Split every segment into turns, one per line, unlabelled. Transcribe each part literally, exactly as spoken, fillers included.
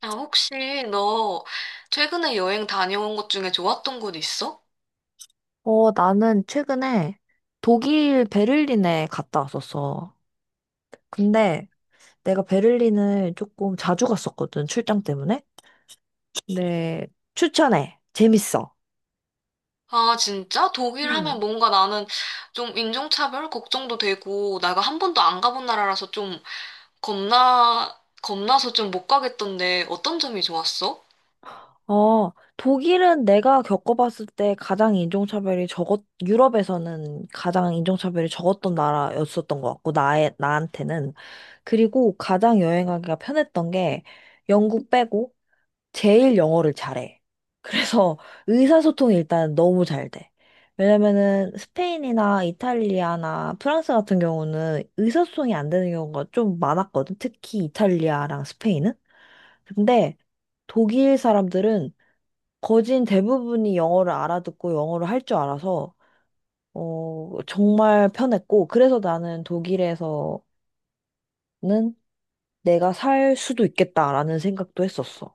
아, 혹시 너 최근에 여행 다녀온 것 중에 좋았던 곳 있어?
어, 나는 최근에 독일 베를린에 갔다 왔었어. 근데 내가 베를린을 조금 자주 갔었거든, 출장 때문에. 네. 추천해. 재밌어.
아, 진짜? 독일 하면
음.
뭔가 나는 좀 인종차별 걱정도 되고, 내가 한 번도 안 가본 나라라서 좀 겁나, 겁나서 좀 못 가겠던데 어떤 점이 좋았어?
어, 독일은 내가 겪어봤을 때 가장 인종차별이 적었, 유럽에서는 가장 인종차별이 적었던 나라였었던 것 같고, 나의, 나한테는. 그리고 가장 여행하기가 편했던 게 영국 빼고 제일 영어를 잘해. 그래서 의사소통이 일단 너무 잘 돼. 왜냐면은 스페인이나 이탈리아나 프랑스 같은 경우는 의사소통이 안 되는 경우가 좀 많았거든. 특히 이탈리아랑 스페인은. 근데 독일 사람들은 거진 대부분이 영어를 알아듣고 영어를 할 줄 알아서 어, 정말 편했고 그래서 나는 독일에서는 내가 살 수도 있겠다라는 생각도 했었어.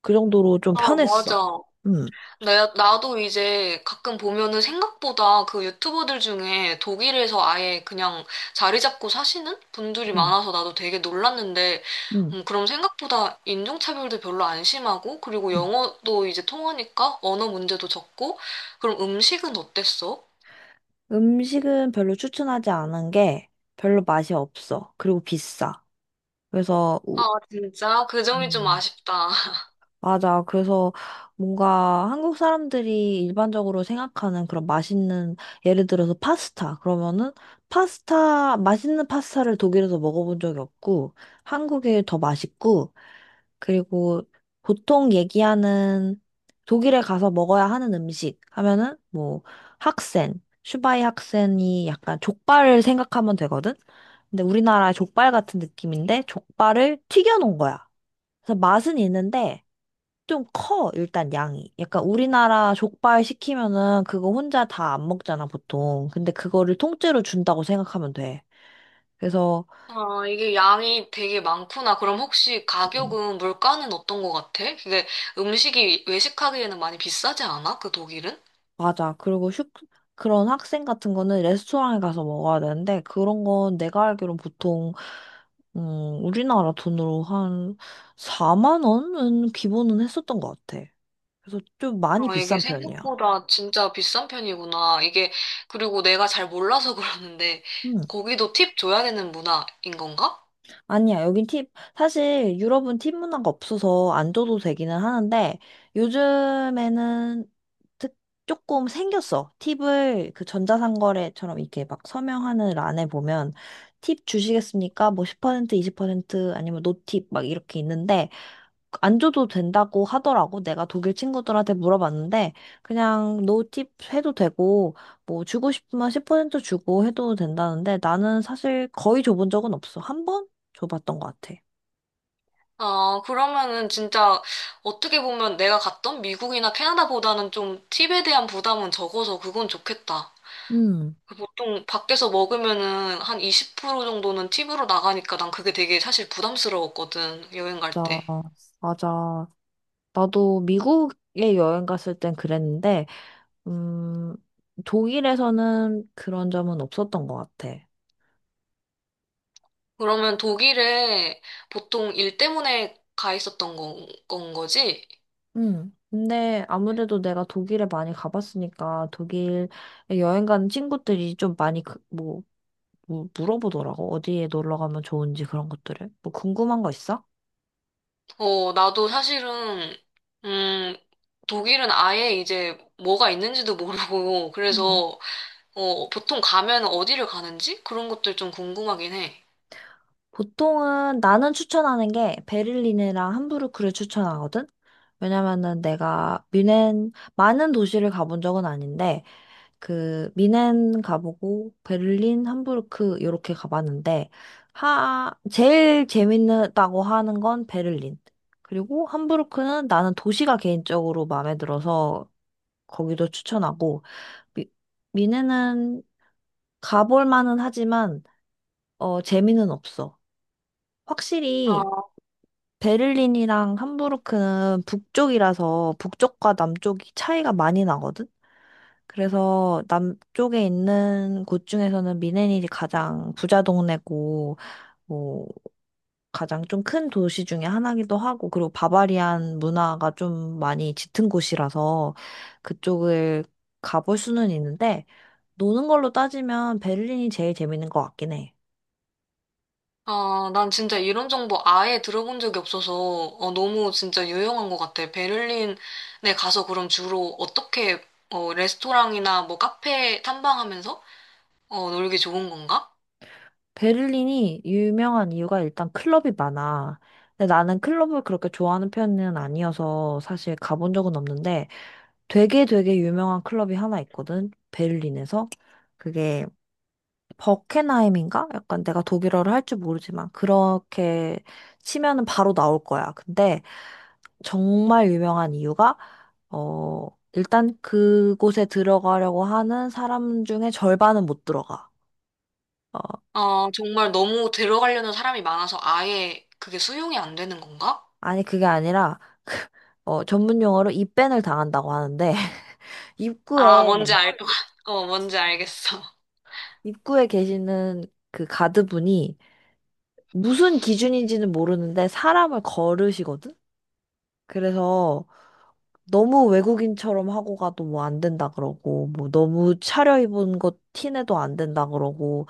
그 정도로 좀
아, 맞아.
편했어. 음.
나, 나도 이제 가끔 보면은 생각보다 그 유튜버들 중에 독일에서 아예 그냥 자리 잡고 사시는 분들이
음.
많아서 나도 되게 놀랐는데,
응.
음, 그럼 생각보다 인종차별도 별로 안 심하고, 그리고
응.
영어도 이제 통하니까 언어 문제도 적고, 그럼 음식은 어땠어?
음식은 별로 추천하지 않은 게 별로 맛이 없어. 그리고 비싸. 그래서, 우-
아, 진짜? 그 점이 좀
음,
아쉽다.
맞아. 그래서 뭔가 한국 사람들이 일반적으로 생각하는 그런 맛있는, 예를 들어서 파스타. 그러면은 파스타, 맛있는 파스타를 독일에서 먹어본 적이 없고, 한국에 더 맛있고, 그리고 보통 얘기하는 독일에 가서 먹어야 하는 음식 하면은 뭐 학센, 슈바이 학센이 약간 족발을 생각하면 되거든? 근데 우리나라 족발 같은 느낌인데 족발을 튀겨놓은 거야. 그래서 맛은 있는데 좀 커, 일단 양이. 약간 우리나라 족발 시키면은 그거 혼자 다 안 먹잖아, 보통. 근데 그거를 통째로 준다고 생각하면 돼. 그래서
아, 이게 양이 되게 많구나. 그럼 혹시
음.
가격은, 물가는 어떤 것 같아? 그게 음식이 외식하기에는 많이 비싸지 않아? 그 독일은?
맞아. 그리고 슈, 그런 학생 같은 거는 레스토랑에 가서 먹어야 되는데, 그런 건 내가 알기론 보통, 음, 우리나라 돈으로 한 사만 원 원은 기본은 했었던 것 같아. 그래서 좀 많이
어, 이게
비싼 편이야.
생각보다 진짜 비싼 편이구나. 이게, 그리고 내가 잘 몰라서 그러는데,
음.
거기도 팁 줘야 되는 문화인 건가?
아니야, 여긴 팁, 사실 유럽은 팁 문화가 없어서 안 줘도 되기는 하는데, 요즘에는 특, 조금 생겼어. 팁을 그 전자상거래처럼 이렇게 막 서명하는 란에 보면, 팁 주시겠습니까? 뭐 십 퍼센트, 이십 퍼센트, 아니면 노팁 막 이렇게 있는데, 안 줘도 된다고 하더라고. 내가 독일 친구들한테 물어봤는데, 그냥 노팁 해도 되고, 뭐 주고 싶으면 십 퍼센트 주고 해도 된다는데, 나는 사실 거의 줘본 적은 없어. 한 번 줘봤던 것 같아.
아, 그러면은 진짜 어떻게 보면 내가 갔던 미국이나 캐나다보다는 좀 팁에 대한 부담은 적어서 그건 좋겠다.
음,
그 보통 밖에서 먹으면은 한 이십 프로 정도는 팁으로 나가니까 난 그게 되게 사실 부담스러웠거든, 여행 갈
맞아,
때.
맞아. 나도 미국에 여행 갔을 땐 그랬는데, 음, 독일에서는 그런 점은 없었던 것 같아.
그러면 독일에 보통 일 때문에 가 있었던 건, 건 거지?
음. 근데 아무래도 내가 독일에 많이 가봤으니까 독일에 여행 가는 친구들이 좀 많이 그, 뭐, 뭐 물어보더라고. 어디에 놀러 가면 좋은지 그런 것들을. 뭐 궁금한 거 있어?
어, 나도 사실은, 음, 독일은 아예 이제 뭐가 있는지도 모르고,
음.
그래서, 어, 보통 가면 어디를 가는지? 그런 것들 좀 궁금하긴 해.
보통은 나는 추천하는 게 베를린이랑 함부르크를 추천하거든? 왜냐면은 내가 뮌헨 많은 도시를 가본 적은 아닌데 그 미넨 가보고 베를린, 함부르크 이렇게 가봤는데 하 제일 재밌다고 하는 건 베를린. 그리고 함부르크는 나는 도시가 개인적으로 마음에 들어서 거기도 추천하고 미, 미넨은 가볼 만은 하지만 어 재미는 없어.
아,
확실히 베를린이랑 함부르크는 북쪽이라서 북쪽과 남쪽이 차이가 많이 나거든. 그래서 남쪽에 있는 곳 중에서는 미네닐이 가장 부자 동네고, 뭐, 가장 좀 큰 도시 중에 하나기도 하고, 그리고 바바리안 문화가 좀 많이 짙은 곳이라서 그쪽을 가볼 수는 있는데, 노는 걸로 따지면 베를린이 제일 재밌는 것 같긴 해.
아, 난 진짜 이런 정보 아예 들어본 적이 없어서, 어, 너무 진짜 유용한 것 같아. 베를린에 가서 그럼 주로 어떻게, 어, 레스토랑이나 뭐 카페 탐방하면서, 어, 놀기 좋은 건가?
베를린이 유명한 이유가 일단 클럽이 많아. 근데 나는 클럽을 그렇게 좋아하는 편은 아니어서 사실 가본 적은 없는데, 되게 되게 유명한 클럽이 하나 있거든. 베를린에서. 그게 버켄하임인가? 약간 내가 독일어를 할 줄 모르지만 그렇게 치면은 바로 나올 거야. 근데 정말 유명한 이유가 어 일단 그곳에 들어가려고 하는 사람 중에 절반은 못 들어가. 어
아, 정말 너무 들어가려는 사람이 많아서 아예 그게 수용이 안 되는 건가?
아니 그게 아니라 어 전문 용어로 입밴을 당한다고 하는데
아, 뭔지
입구에
알 것, 같- 어, 뭔지 알겠어.
입구에 계시는 그 가드분이 무슨 기준인지는 모르는데 사람을 거르시거든? 그래서 너무 외국인처럼 하고 가도 뭐 안 된다 그러고, 뭐 너무 차려입은 것 티내도 안 된다 그러고,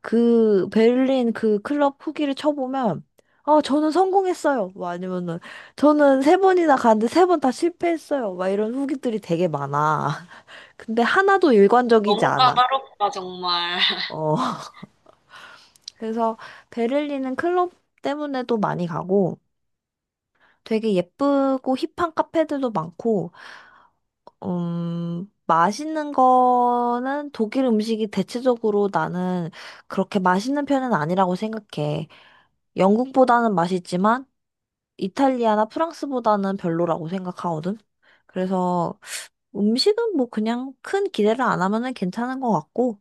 그 베를린 그 클럽 후기를 쳐보면, 아, 저는 성공했어요. 뭐 아니면은, 저는 세 번이나 갔는데 세 번 다 실패했어요. 막 이런 후기들이 되게 많아. 근데 하나도 일관적이지
너무
않아.
까다롭다, 정말.
어. 그래서 베를린은 클럽 때문에도 많이 가고, 되게 예쁘고 힙한 카페들도 많고, 음, 맛있는 거는 독일 음식이 대체적으로 나는 그렇게 맛있는 편은 아니라고 생각해. 영국보다는 맛있지만 이탈리아나 프랑스보다는 별로라고 생각하거든. 그래서 음식은 뭐 그냥 큰 기대를 안 하면은 괜찮은 것 같고,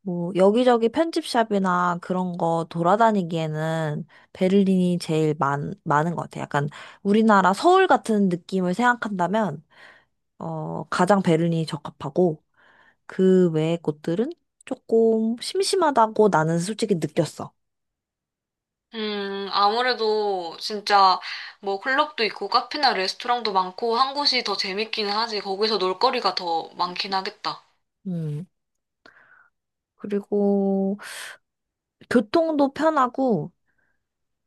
뭐, 여기저기 편집샵이나 그런 거 돌아다니기에는 베를린이 제일 많, 많은 것 같아요. 약간 우리나라 서울 같은 느낌을 생각한다면, 어, 가장 베를린이 적합하고, 그 외의 곳들은 조금 심심하다고 나는 솔직히 느꼈어.
음, 아무래도 진짜 뭐 클럽도 있고 카페나 레스토랑도 많고 한 곳이 더 재밌기는 하지. 거기서 놀거리가 더 많긴 하겠다.
음. 그리고 교통도 편하고,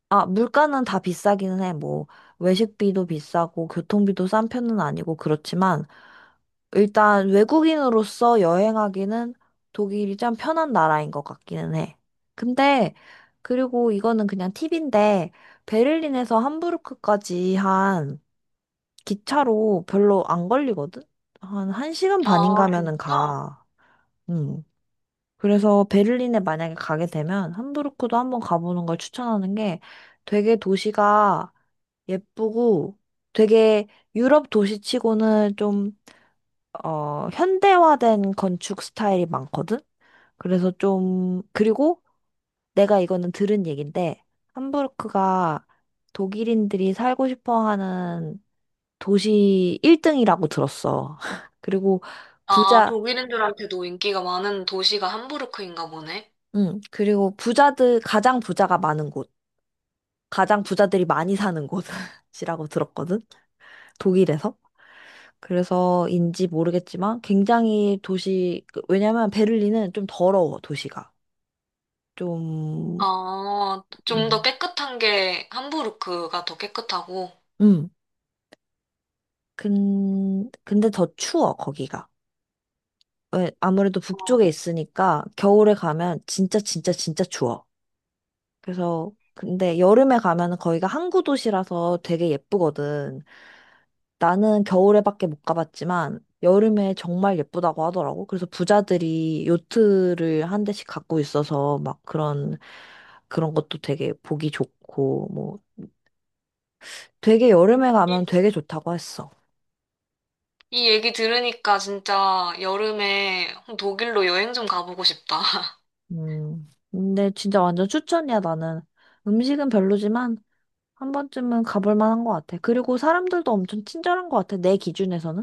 아, 물가는 다 비싸기는 해. 뭐, 외식비도 비싸고, 교통비도 싼 편은 아니고, 그렇지만, 일단 외국인으로서 여행하기는 독일이 참 편한 나라인 것 같기는 해. 근데, 그리고 이거는 그냥 팁인데, 베를린에서 함부르크까지 한 기차로 별로 안 걸리거든? 한 1시간 반인
아,
가면은
진짜?
가. 음. 그래서 베를린에 만약에 가게 되면 함부르크도 한번 가보는 걸 추천하는 게 되게 도시가 예쁘고 되게 유럽 도시치고는 좀 어, 현대화된 건축 스타일이 많거든? 그래서 좀, 그리고 내가 이거는 들은 얘긴데, 함부르크가 독일인들이 살고 싶어 하는 도시 일 등이라고 들었어. 그리고
아,
부자,
독일인들한테도 인기가 많은 도시가 함부르크인가 보네.
응, 그리고 부자들, 가장 부자가 많은 곳, 가장 부자들이 많이 사는 곳이라고 들었거든? 독일에서. 그래서인지 모르겠지만 굉장히 도시, 그- 왜냐면 베를린은 좀 더러워, 도시가. 좀,
아, 좀 더
음,
깨끗한 게 함부르크가 더 깨끗하고.
음. 근, 근데 더 추워, 거기가. 왜, 아무래도 북쪽에
어,
있으니까 겨울에 가면 진짜 진짜 진짜 추워. 그래서, 근데 여름에 가면은 거기가 항구 도시라서 되게 예쁘거든. 나는 겨울에밖에 못 가봤지만 여름에 정말 예쁘다고 하더라고. 그래서 부자들이 요트를 한 대씩 갖고 있어서 막 그런, 그런 것도 되게 보기 좋고, 뭐 되게
이,
여름에
이-
가면 되게 좋다고 했어.
이 얘기 들으니까 진짜 여름에 독일로 여행 좀 가보고 싶다.
음. 근데 진짜 완전 추천이야, 나는. 음식은 별로지만 한 번쯤은 가볼 만한 것 같아. 그리고 사람들도 엄청 친절한 것 같아, 내 기준에서는.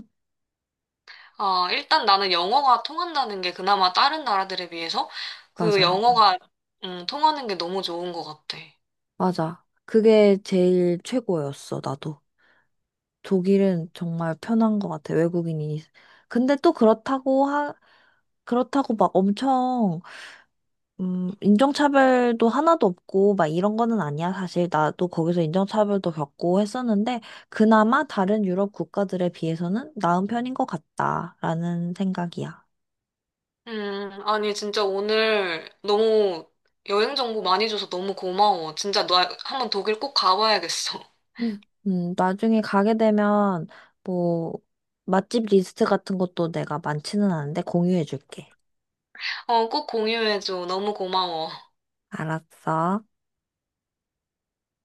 아, 일단 나는 영어가 통한다는 게 그나마 다른 나라들에 비해서 그
맞아.
영어가 음, 통하는 게 너무 좋은 것 같아.
맞아. 그게 제일 최고였어, 나도. 독일은 정말 편한 것 같아, 외국인이. 근데 또 그렇다고 하, 그렇다고 막 엄청 음, 인종차별도 하나도 없고, 막 이런 거는 아니야. 사실 나도 거기서 인종차별도 겪고 했었는데, 그나마 다른 유럽 국가들에 비해서는 나은 편인 것 같다라는 생각이야.
음, 아니, 진짜 오늘 너무 여행 정보 많이 줘서 너무 고마워. 진짜 너 한번 독일 꼭 가봐야겠어.
응. 음, 음, 나중에 가게 되면, 뭐, 맛집 리스트 같은 것도 내가 많지는 않은데 공유해줄게.
어, 꼭 공유해줘. 너무 고마워.
알았어.